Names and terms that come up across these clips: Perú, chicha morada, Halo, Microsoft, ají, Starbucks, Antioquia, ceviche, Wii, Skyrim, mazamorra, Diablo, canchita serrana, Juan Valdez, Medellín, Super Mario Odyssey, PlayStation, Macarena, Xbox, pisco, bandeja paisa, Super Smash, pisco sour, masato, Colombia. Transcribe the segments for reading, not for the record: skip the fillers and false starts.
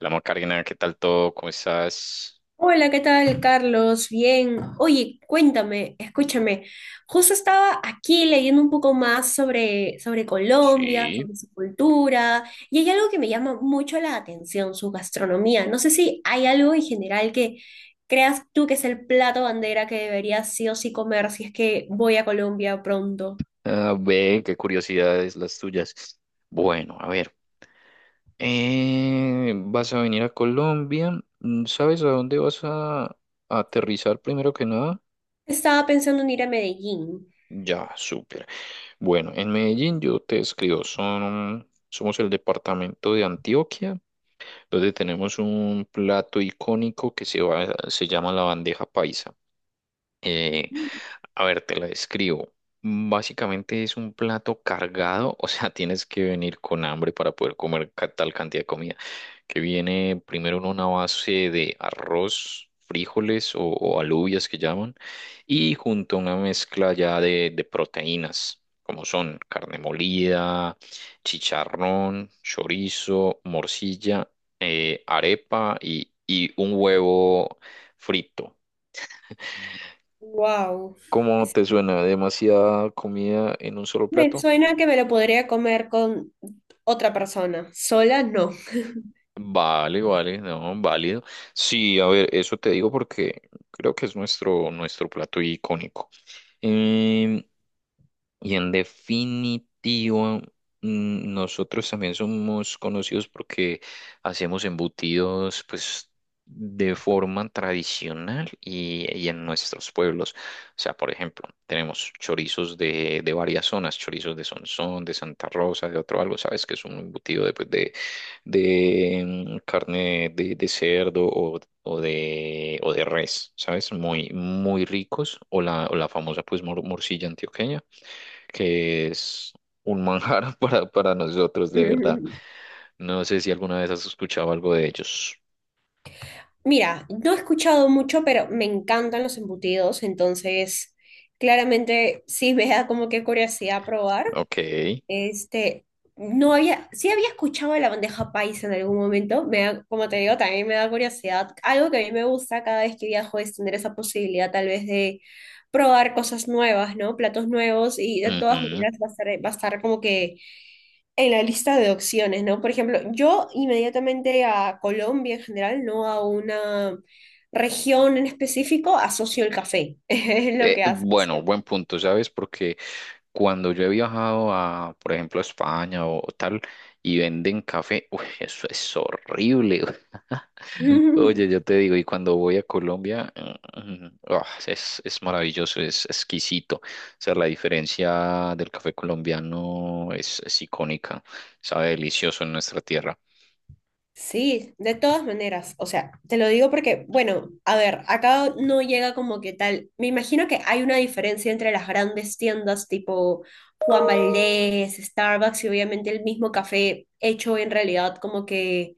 Hola, Macarena, ¿qué tal todo? ¿Cómo estás? Hola, ¿qué tal, Carlos? Bien. Oye, cuéntame, escúchame. Justo estaba aquí leyendo un poco más sobre Colombia, Sí. sobre su cultura, y hay algo que me llama mucho la atención, su gastronomía. No sé si hay algo en general que creas tú que es el plato bandera que debería sí o sí comer si es que voy a Colombia pronto. Ah, ve, qué curiosidades las tuyas. Bueno, a ver, vas a venir a Colombia. Mm, ¿sabes a dónde vas a aterrizar primero que nada? Estaba pensando en ir a Medellín. Ya, súper. Bueno, en Medellín yo te escribo, son, somos el departamento de Antioquia, donde tenemos un plato icónico que se, va- se llama la bandeja paisa. Eh, a ver, te la describo. Básicamente es un plato cargado, o sea, tienes que venir con hambre para poder comer ca- tal cantidad de comida, que viene primero en una base de arroz, frijoles o alubias que llaman, y junto a una mezcla ya de proteínas, como son carne molida, chicharrón, chorizo, morcilla, arepa y un huevo frito. Wow. ¿Cómo te suena? ¿Demasiada comida en un solo Me plato? suena que me lo podría comer con otra persona. Sola, no. Vale, vale, no, válido. Sí, a ver, eso te digo porque creo que es nuestro plato icónico. Em, Y en definitivo, nosotros también somos conocidos porque hacemos embutidos, pues, de forma tradicional y en nuestros pueblos. O sea, por ejemplo, tenemos chorizos de varias zonas, chorizos de Sonsón, de Santa Rosa, de otro algo, ¿sabes? Que es un embutido de, pues, de, carne de cerdo o de, o de res, ¿sabes? Muy, muy ricos. O la famosa, pues, mor- morcilla antioqueña que es un manjar para nosotros, de verdad. No sé si alguna vez has escuchado algo de ellos. Mira, no he escuchado mucho, pero me encantan los embutidos, entonces claramente sí me da como que curiosidad probar. Ok. Este, no había, sí había escuchado de la bandeja paisa en algún momento, como te digo, también me da curiosidad. Algo que a mí me gusta cada vez que viajo es tener esa posibilidad tal vez de probar cosas nuevas, ¿no? Platos nuevos y de todas Ujú. maneras va a estar como que en la lista de opciones, ¿no? Por ejemplo, yo inmediatamente a Colombia en general, no a una región en específico, asocio el café, es lo que Bueno, asocio. buen punto, ¿sabes? Porque cuando yo he viajado a, por ejemplo, a España o tal, y venden café, uy, eso es horrible. Oye, yo te digo, y cuando voy a Colombia, ah, es maravilloso, es exquisito. O sea, la diferencia del café colombiano es icónica, sabe delicioso en nuestra tierra. Sí, de todas maneras, o sea, te lo digo porque, bueno, a ver, acá no llega como que tal, me imagino que hay una diferencia entre las grandes tiendas tipo Juan Valdez, Starbucks y obviamente el mismo café hecho en realidad como que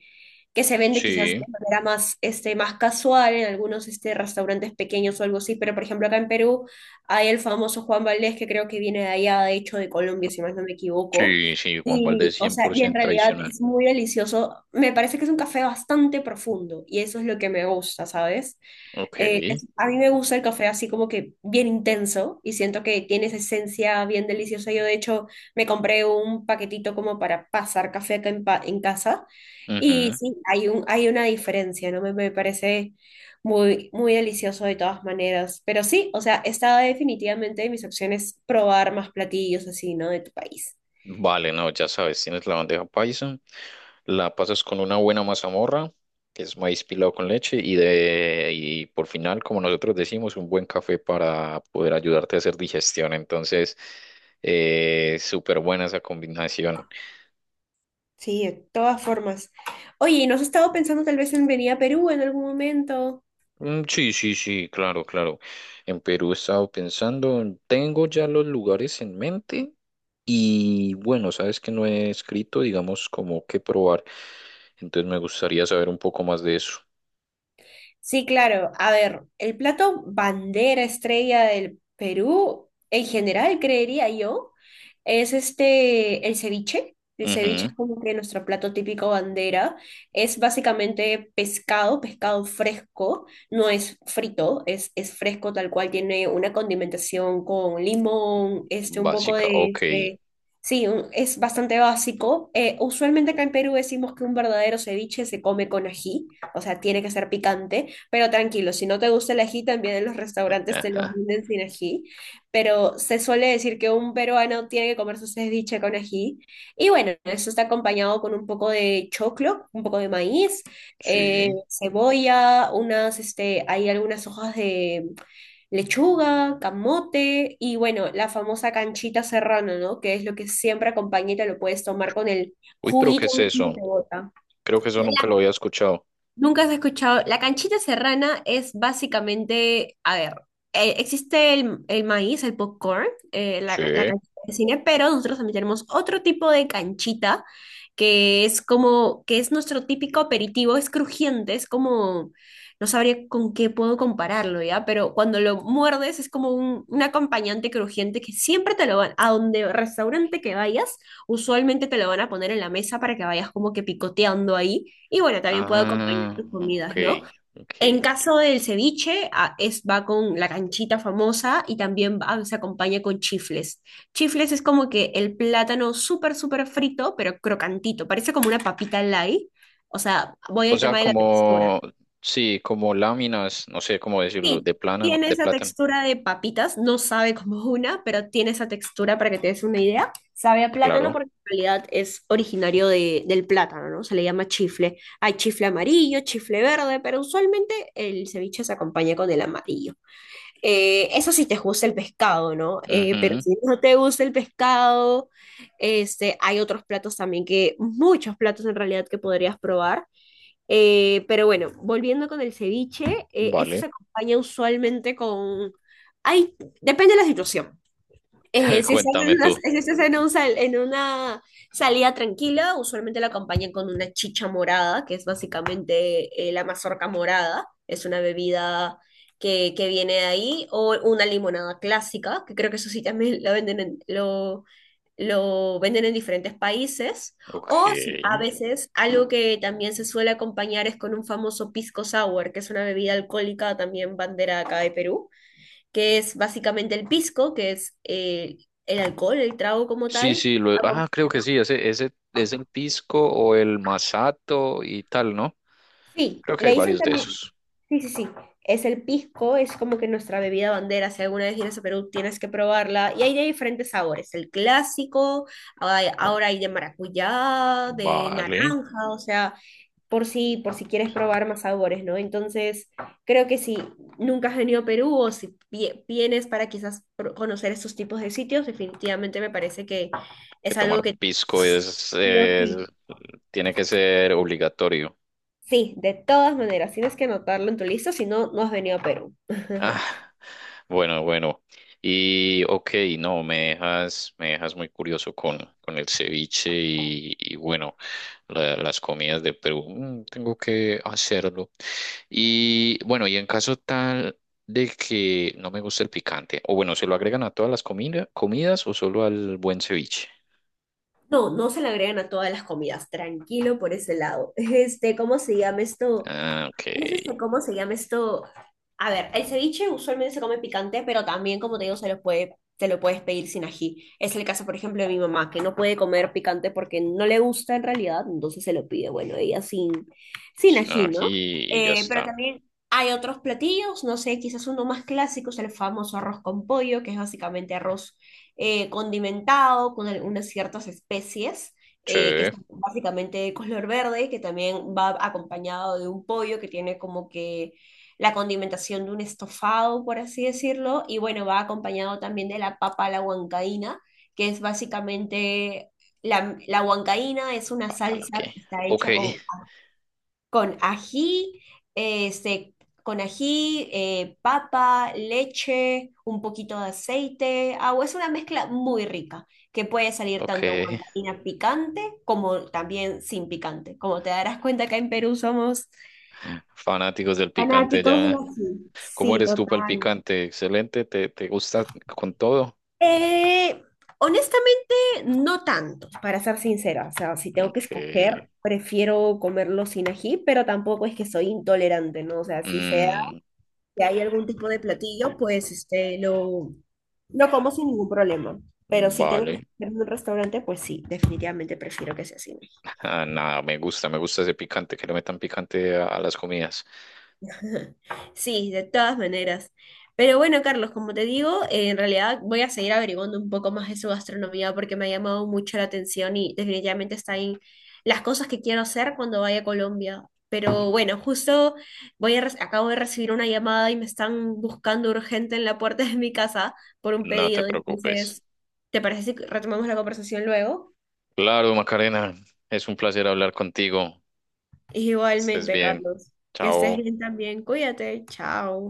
se vende quizás de Sí, manera más, este, más casual en algunos este, restaurantes pequeños o algo así, pero por ejemplo acá en Perú hay el famoso Juan Valdés que creo que viene de allá, de hecho de Colombia, si más no me equivoco. sí, sí, Juan Valdez Y, o sea, y en 100% realidad tradicional. es muy delicioso. Me parece que es un café bastante profundo y eso es lo que me gusta, ¿sabes? Ok. A mí me gusta el café así como que bien intenso y siento que tiene esa esencia bien deliciosa. Yo de hecho me compré un paquetito como para pasar café acá en, en casa y Ujú. sí, hay una diferencia, ¿no? Me parece muy, muy delicioso de todas maneras. Pero sí, o sea, está definitivamente de mis opciones probar más platillos así, ¿no? De tu país. Vale, no, ya sabes, tienes la bandeja paisa, la pasas con una buena mazamorra, que es maíz pilado con leche, y, de, y por final, como nosotros decimos, un buen café para poder ayudarte a hacer digestión. Entonces, súper buena esa combinación. Sí, de todas formas. Oye, ¿no has estado pensando tal vez en venir a Perú en algún momento? Mm, sí, sí, sí, claro, claro. En Perú he estado pensando, tengo ya los lugares en mente. Y bueno, sabes que no he escrito, digamos, como que probar, entonces me gustaría saber un poco más de eso. Sí, claro. A ver, el plato bandera estrella del Perú, en general, creería yo, es este, el ceviche. El ceviche es como que nuestro plato típico bandera. Es básicamente pescado, pescado fresco, no es frito, es fresco tal cual, tiene una condimentación con limón, este, un poco Básica, de, ok. este, sí, es bastante básico. Usualmente acá en Perú decimos que un verdadero ceviche se come con ají, o sea, tiene que ser picante. Pero tranquilo, si no te gusta el ají, también en los restaurantes te los Ajá. venden sin ají. Pero se suele decir que un peruano tiene que comer su ceviche con ají. Y bueno, eso está acompañado con un poco de choclo, un poco de maíz, Sí. cebolla, unas, este, hay algunas hojas de lechuga, camote y bueno, la famosa canchita serrana, ¿no? Que es lo que siempre acompaña y te lo puedes tomar con el Uy, pero ¿qué juguito es eso? mismo que bota. Creo que eso nunca lo había escuchado. Nunca has escuchado. La canchita serrana es básicamente, a ver, existe el maíz, el popcorn, la Sí. canchita de cine, pero nosotros también tenemos otro tipo de canchita que es como, que es nuestro típico aperitivo, es crujiente, es como, no sabría con qué puedo compararlo, ¿ya? Pero cuando lo muerdes es como un acompañante crujiente que siempre te lo van, a donde restaurante que vayas, usualmente te lo van a poner en la mesa para que vayas como que picoteando ahí. Y bueno, también puede acompañar Ah, tus ok, comidas, ¿no? ok. En caso del ceviche, es, va con la canchita famosa y también se acompaña con chifles. Chifles es como que el plátano súper, súper frito, pero crocantito. Parece como una papita light. O sea, voy O al sea, tema de la textura. como, sí, como láminas, no sé cómo decirlo, Sí, de plano, tiene de esa plátano, textura de papitas, no sabe como una, pero tiene esa textura para que te des una idea. Sabe a plátano claro. porque en realidad es originario de, del plátano, ¿no? Se le llama chifle. Hay chifle amarillo, chifle verde, pero usualmente el ceviche se acompaña con el amarillo. Eso sí te gusta el pescado, ¿no? Pero Ujú. si no te gusta el pescado, este, hay otros platos también que, muchos platos en realidad que podrías probar. Pero bueno, volviendo con el ceviche, este Vale, se acompaña usualmente con... Hay, depende de la situación. Si estás en cuéntame una, tú. si estás en un en una salida tranquila, usualmente la acompañan con una chicha morada, que es básicamente la mazorca morada. Es una bebida que viene de ahí, o una limonada clásica, que creo que eso sí también la venden en, lo venden en diferentes países. O sí, Ok. a veces algo que también se suele acompañar es con un famoso pisco sour, que es una bebida alcohólica también bandera acá de Perú que es básicamente el pisco, que es el alcohol, el trago como Sí, tal. sí, lo, acom- ah, creo que sí, ese es el pisco o el masato y tal, ¿no? Sí, Creo que hay le dicen varios de también, esos. sí, sí, sí, es el pisco, es como que nuestra bebida bandera, si alguna vez vienes a Perú tienes que probarla, y hay de diferentes sabores, el clásico, ahora hay de maracuyá, de Vale. naranja, o sea, por si quieres probar más sabores, ¿no? Entonces, creo que si nunca has venido a Perú o si vienes para quizás conocer estos tipos de sitios, definitivamente me parece que Que es algo tomar que pisco sí o es- sí. tiene que ser obligatorio. Sí, de todas maneras, tienes que anotarlo en tu lista, si no, no has venido a Perú. Ah, bueno, bueno. Y ok, no, me dejas muy curioso con el ceviche y bueno, la- las comidas de Perú. Mm, tengo que hacerlo. Y bueno, y en caso tal de que no me guste el picante, o bueno, ¿se lo agregan a todas las comida- comidas o solo al buen ceviche? No, no se le agregan a todas las comidas, tranquilo por ese lado. Este, ¿cómo se llama esto? Ah, ok. Es este, ¿cómo se llama esto? A ver, el ceviche usualmente se come picante, pero también, como te digo, se lo puedes pedir sin ají. Es el caso, por ejemplo, de mi mamá, que no puede comer picante porque no le gusta en realidad, entonces se lo pide, bueno, ella sin Sin ají, ají ¿no? y ya Pero está. también hay otros platillos, no sé, quizás uno más clásico es el famoso arroz con pollo, que es básicamente arroz condimentado con algunas ciertas especies Sí. Que es básicamente de color verde, que también va acompañado de un pollo que tiene como que la condimentación de un estofado, por así decirlo, y bueno, va acompañado también de la papa a la huancaína, que es básicamente, la huancaína es una Papala, ok. salsa que está Ok, hecha con ají, este, con ají, papa, leche, un poquito de aceite, agua. Es una mezcla muy rica que puede salir tanto ok. guancaína picante como también sin picante. Como te darás cuenta, acá en Perú somos... Fanáticos del picante Fanáticos del ya. ají. ¿Cómo Sí, eres tú para el total. picante? Excelente, ¿te, te gusta con todo? Eh, Honestamente, no tanto, para ser sincera. O sea, si tengo que Ok. escoger, prefiero comerlo sin ají, pero tampoco es que soy intolerante, ¿no? O sea, Mm, si hay algún tipo de platillo, pues este, lo como sin ningún problema. Pero si tengo que vale. comer en un restaurante, pues sí, definitivamente prefiero que sea así. ¿No? Ah, nada, me gusta ese picante, que le metan picante a las comidas. Sí, de todas maneras. Pero bueno, Carlos, como te digo, en realidad voy a seguir averiguando un poco más de su gastronomía porque me ha llamado mucho la atención y definitivamente está en las cosas que quiero hacer cuando vaya a Colombia. Pero bueno, justo acabo de recibir una llamada y me están buscando urgente en la puerta de mi casa por un No te pedido. preocupes. Entonces, ¿te parece si retomamos la conversación luego? Claro, Macarena, es un placer hablar contigo. Estés Igualmente, bien. Carlos, que estés Chao. bien también. Cuídate, chao.